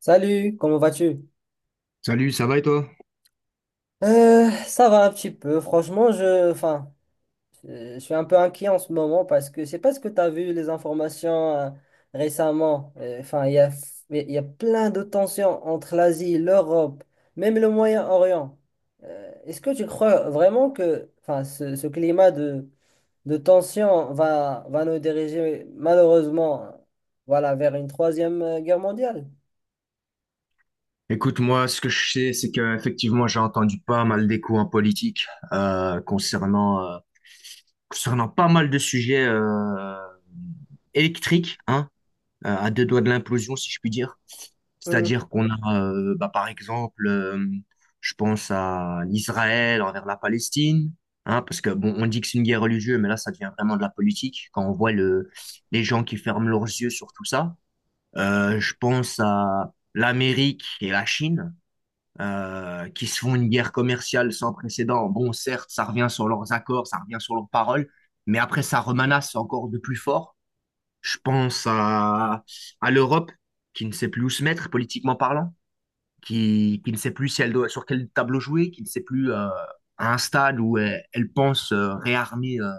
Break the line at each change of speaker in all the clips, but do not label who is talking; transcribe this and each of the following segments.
Salut, comment vas-tu?
Salut, ça va et toi?
Ça va un petit peu. Franchement, je suis un peu inquiet en ce moment parce que je sais pas ce que tu as vu les informations récemment. Enfin, il y a plein de tensions entre l'Asie, l'Europe, même le Moyen-Orient. Est-ce que tu crois vraiment que, enfin, ce climat de tension va nous diriger malheureusement, voilà, vers une troisième guerre mondiale?
Écoute, moi, ce que je sais, c'est qu'effectivement, j'ai entendu pas mal d'échos en politique concernant concernant pas mal de sujets électriques, hein, à deux doigts de l'implosion, si je puis dire.
Hmm.
C'est-à-dire qu'on a, bah, par exemple, je pense à l'Israël envers la Palestine, hein, parce que bon, on dit que c'est une guerre religieuse, mais là, ça devient vraiment de la politique quand on voit le les gens qui ferment leurs yeux sur tout ça. Je pense à l'Amérique et la Chine qui se font une guerre commerciale sans précédent. Bon, certes, ça revient sur leurs accords, ça revient sur leurs paroles, mais après, ça remanasse encore de plus fort. Je pense à l'Europe, qui ne sait plus où se mettre politiquement parlant, qui ne sait plus si elle doit, sur quel tableau jouer, qui ne sait plus à un stade où elle, elle pense réarmer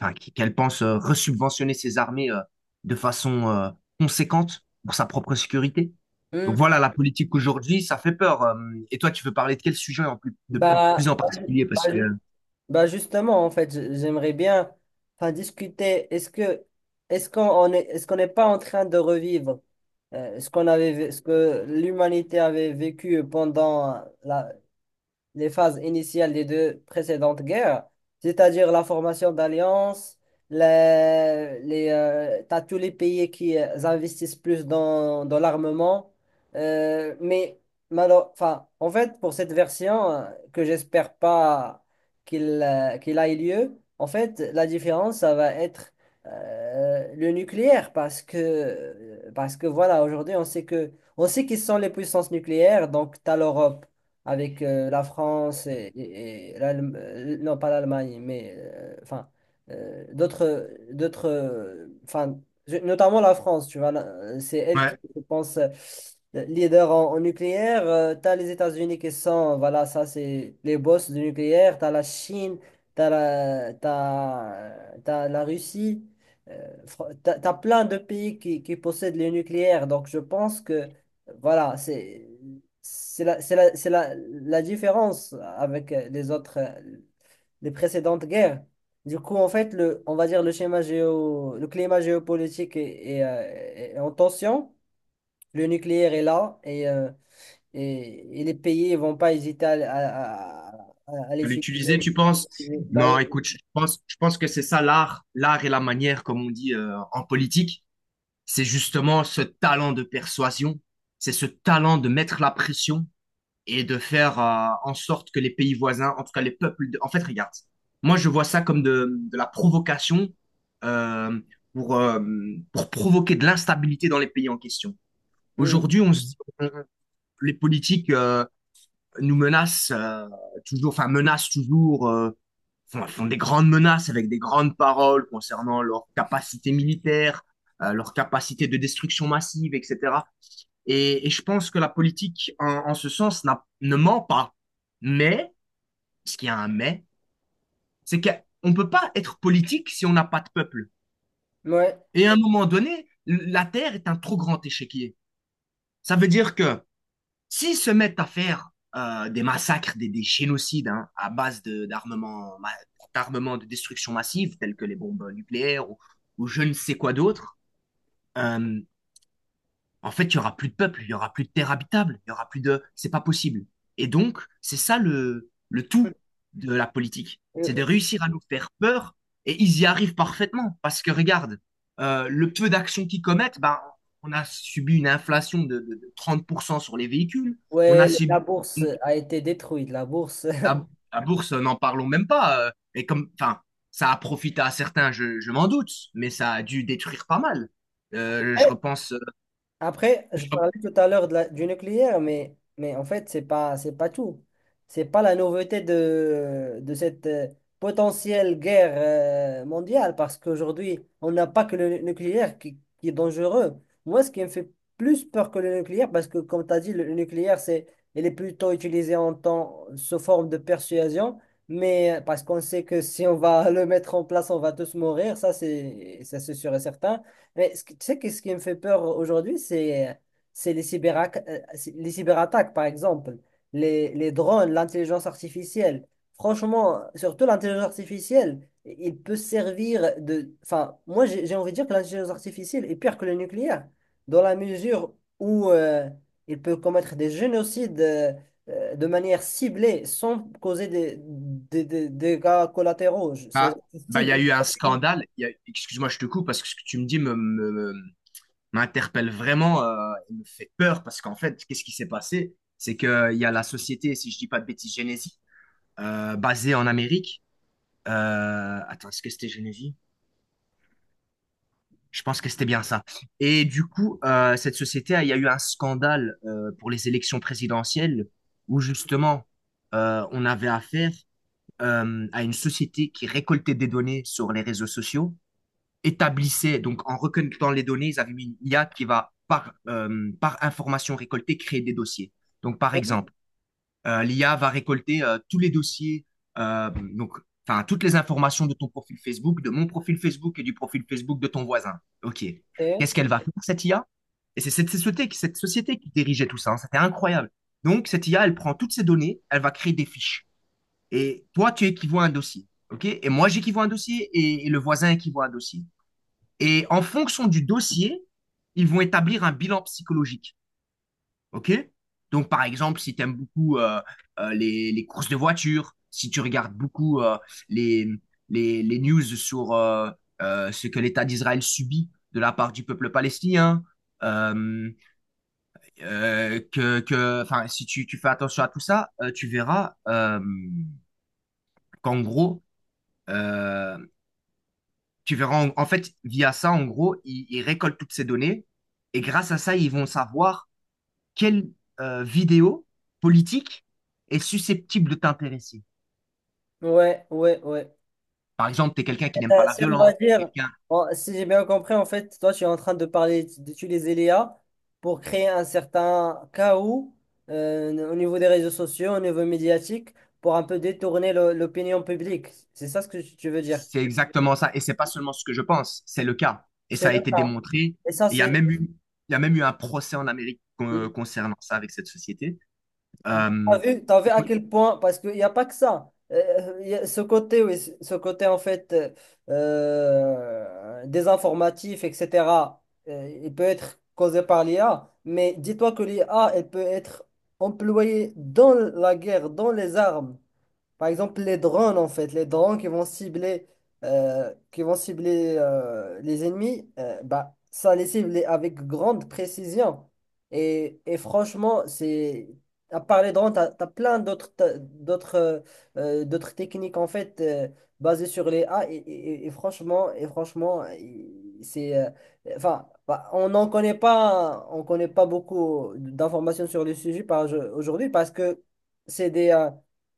enfin, qu'elle pense resubventionner ses armées de façon conséquente pour sa propre sécurité.
Hmm.
Donc voilà, la politique aujourd'hui, ça fait peur. Et toi, tu veux parler de quel sujet en plus, de plus, plus
Bah,
en particulier?
bah,
Parce que
Bah justement, en fait, j'aimerais bien enfin, discuter. Est-ce que est-ce qu'on on est est-ce qu'on n'est pas en train de revivre ce ce que l'humanité avait vécu pendant les phases initiales des deux précédentes guerres, c'est-à-dire la formation d'alliances, t'as tous les pays qui investissent plus dans l'armement. Mais enfin, en fait, pour cette version, que j'espère pas qu'il qu'il aille lieu, en fait, la différence, ça va être le nucléaire, parce que voilà, aujourd'hui, on sait qui sont les puissances nucléaires, donc tu as l'Europe avec la France et non pas l'Allemagne, mais enfin d'autres enfin notamment la France, tu vois, c'est elle qui
ouais,
je pense leader en nucléaire. T'as les États-Unis qui sont voilà, ça c'est les boss du nucléaire. T'as la Chine, t'as la Russie. T'as plein de pays qui possèdent le nucléaire. Donc je pense que voilà, c'est la différence avec les autres, les précédentes guerres. Du coup, en fait, on va dire le schéma géo, le climat géopolitique est en tension. Le nucléaire est là et les pays ne vont pas hésiter à
à
l'utiliser.
l'utiliser, tu penses?
Bah oui.
Non, écoute, je pense que c'est ça l'art, l'art et la manière, comme on dit en politique, c'est justement ce talent de persuasion, c'est ce talent de mettre la pression, et de faire en sorte que les pays voisins, en tout cas les peuples, de- en fait, regarde, moi je vois ça comme de la provocation euh, pour, euh, pour provoquer de l'instabilité dans les pays en question.
Hmm.
Aujourd'hui, on se dit, on- les politiques nous menacent toujours, enfin menacent toujours, font, font des grandes menaces avec des grandes paroles concernant leur capacité militaire, leur capacité de destruction massive, etc. Et je pense que la politique, en, en ce sens, n'a- ne ment pas. Mais, parce qu'il y a un mais, c'est qu'on ne peut pas être politique si on n'a pas de peuple.
Ouais.
Et à un moment donné, la Terre est un trop grand échiquier. Ça veut dire que s'ils se mettent à faire des massacres, des génocides hein, à base de- d'armements, d'armements de destruction massive, tels que les bombes nucléaires ou je ne sais quoi d'autre, euh, En fait, il y aura plus de peuple, il y aura plus de terre habitable, il y aura plus de. C'est pas possible. Et donc, c'est ça le tout de la politique. C'est de
Euh,
réussir à nous faire peur et ils y arrivent parfaitement. Parce que regarde, le peu d'actions qu'ils commettent, ben, on a subi une inflation de 30% sur les véhicules. On
Ouais,
a
la
subi
bourse
une-
a été détruite. La bourse.
la, la bourse, n'en parlons même pas. Et comme, enfin, ça a profité à certains, je m'en doute, mais ça a dû détruire pas mal. Je repense,
Après, je
je
parlais tout à l'heure de du nucléaire, mais en fait, c'est pas tout. C'est pas la nouveauté de cette potentielle guerre mondiale, parce qu'aujourd'hui, on n'a pas que le nucléaire qui est dangereux. Moi, ce qui me fait plus peur que le nucléaire, parce que comme tu as dit, le nucléaire, c'est, il est plutôt utilisé en temps, sous forme de persuasion, mais parce qu'on sait que si on va le mettre en place, on va tous mourir, ça c'est sûr et certain. Mais tu sais que ce qui me fait peur aujourd'hui, c'est les cyberattaques, par exemple, les drones, l'intelligence artificielle. Franchement, surtout l'intelligence artificielle, il peut servir de... Enfin, moi, j'ai envie de dire que l'intelligence artificielle est pire que le nucléaire, dans la mesure où il peut commettre des génocides de manière ciblée, sans causer des dégâts collatéraux.
Ah,
C'est-à-dire qu'il
bah, il y a
cible-
eu un scandale. Il y a- Excuse-moi, je te coupe parce que ce que tu me dis me, me- me- m'interpelle vraiment et me fait peur parce qu'en fait, qu'est-ce qui s'est passé? C'est qu'il y a la société, si je dis pas de bêtises, Genesis, basée en Amérique. Attends, est-ce que c'était Genesis? Je pense que c'était bien ça. Et du coup, cette société, il y a eu un scandale pour les élections présidentielles où justement, on avait affaire à une société qui récoltait des données sur les réseaux sociaux établissaient, donc en recueillant les données, ils avaient mis une IA qui va, par, par information récoltée, créer des dossiers. Donc, par
Hein?
exemple, l'IA va récolter tous les dossiers, donc, enfin, toutes les informations de ton profil Facebook, de mon profil Facebook et du profil Facebook de ton voisin. OK.
Et-
Qu'est-ce qu'elle va faire, cette IA? Et c'est cette société qui dirigeait tout ça. Hein. C'était incroyable. Donc, cette IA, elle prend toutes ces données, elle va créer des fiches. Et toi, tu équivois un dossier. OK? Et moi, j'équivois un dossier et le voisin équivoit un dossier. Et en fonction du dossier, ils vont établir un bilan psychologique. OK? Donc, par exemple, si tu aimes beaucoup les courses de voiture, si tu regardes beaucoup les, les news sur ce que l'État d'Israël subit de la part du peuple palestinien, euh, que, enfin, si tu, tu fais attention à tout ça, tu verras qu'en gros, euh, tu verras, en, en fait, via ça, en gros, ils récoltent toutes ces données et grâce à ça, ils vont savoir quelle vidéo politique est susceptible de t'intéresser.
Ouais, ouais, ouais.
Par exemple, tu es quelqu'un qui n'aime pas la
Si on va
violence, t'es
dire,
quelqu'un,
bon, si j'ai bien compris, en fait, toi, tu es en train de parler d'utiliser l'IA pour créer un certain chaos au niveau des réseaux sociaux, au niveau médiatique, pour un peu détourner l'opinion publique. C'est ça ce que tu veux dire.
c'est exactement ça. Et c'est pas seulement ce que je pense, c'est le cas. Et ça
C'est
a
le
été
cas.
démontré.
Et ça,
Il y a
c'est...
même eu, il y a même eu un procès en Amérique con- concernant ça avec cette société. Euh,
T'as vu
il
à
faut une
quel point, parce qu'il n'y a pas que ça. Il y a ce côté, oui, ce côté en fait désinformatif, etc., il peut être causé par l'IA, mais dis-toi que l'IA, elle peut être employée dans la guerre, dans les armes. Par exemple, les drones, en fait, les drones qui vont cibler, les ennemis, bah, ça les cible avec grande précision. Et franchement, c'est à part les drones, tu as plein d'autres d'autres techniques en fait basées sur les A. Et franchement, c'est enfin, bah, on connaît pas beaucoup d'informations sur le sujet aujourd'hui parce que c'est des euh,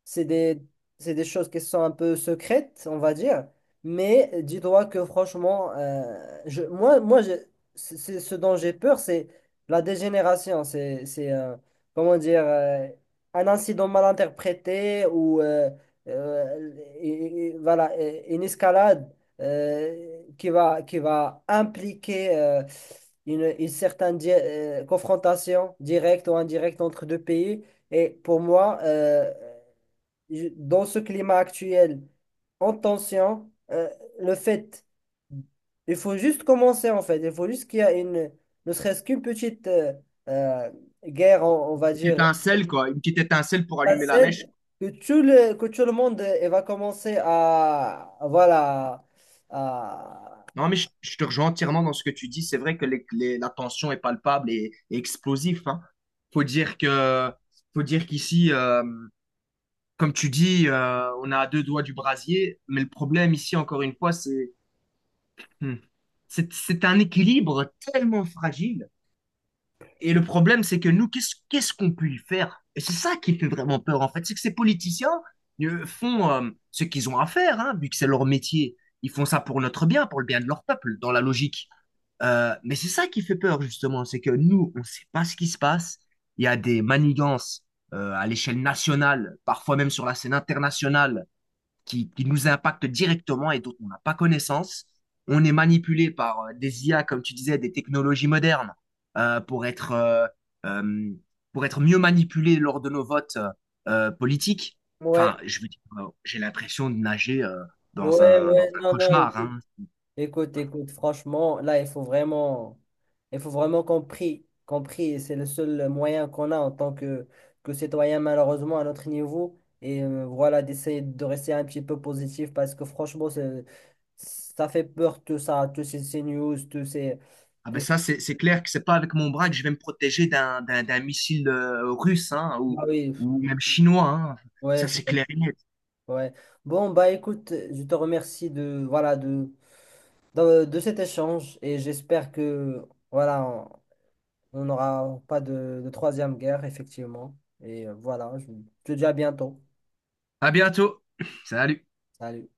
c'est des c'est des choses qui sont un peu secrètes, on va dire. Mais dis-toi que franchement, moi je, ce dont j'ai peur, c'est la dégénération. C'est comment dire, un incident mal interprété ou euh, voilà, une escalade qui va impliquer une certaine confrontation directe ou indirecte entre deux pays. Et pour moi, dans ce climat actuel en tension, le fait, il faut juste commencer en fait, il faut juste qu'il y a ne serait-ce qu'une petite euh, guerre, on va
petite
dire,
étincelle, quoi, une petite étincelle pour allumer la mèche.
étincelle, que que tout le monde il va commencer à, voilà, à,
Non, mais je te rejoins entièrement dans ce que tu dis. C'est vrai que les- la tension est palpable et explosive. Hein. Faut dire que, faut dire qu'ici, comme tu dis, on a à deux doigts du brasier. Mais le problème ici, encore une fois, c'est, hmm, c'est un équilibre tellement fragile. Et le problème, c'est que nous, qu'est-ce, qu'est-ce qu'on peut y faire? Et c'est ça qui fait vraiment peur, en fait. C'est que ces politiciens font ce qu'ils ont à faire, hein, vu que c'est leur métier. Ils font ça pour notre bien, pour le bien de leur peuple, dans la logique. Mais c'est ça qui fait peur, justement, c'est que nous, on ne sait pas ce qui se passe. Il y a des manigances à l'échelle nationale, parfois même sur la scène internationale, qui nous impactent directement et dont on n'a pas connaissance. On est manipulé par des IA, comme tu disais, des technologies modernes, euh, pour être, euh, euh, pour être mieux manipulé lors de nos votes politiques.
ouais,
Enfin, je veux dire, j'ai l'impression de nager
ouais,
dans
ouais,
un
non, non,
cauchemar, hein.
écoute, écoute, franchement, là, il faut vraiment qu'on prie, c'est le seul moyen qu'on a en tant que citoyen, malheureusement, à notre niveau. Et voilà, d'essayer de rester un petit peu positif parce que franchement, ça fait peur tout ça, ces news, tous ces,
Ah ben
tous-
ça, c'est clair que c'est pas avec mon bras que je vais me protéger d'un missile russe hein,
Ah oui,
ou même chinois. Hein.
ouais,
Ça,
je
c'est
comprends,
clair et net.
ouais. Bon, bah écoute, je te remercie de, voilà, de cet échange et j'espère que, voilà, on n'aura pas de troisième guerre, effectivement. Et voilà, je te dis à bientôt.
À bientôt. Salut.
Salut.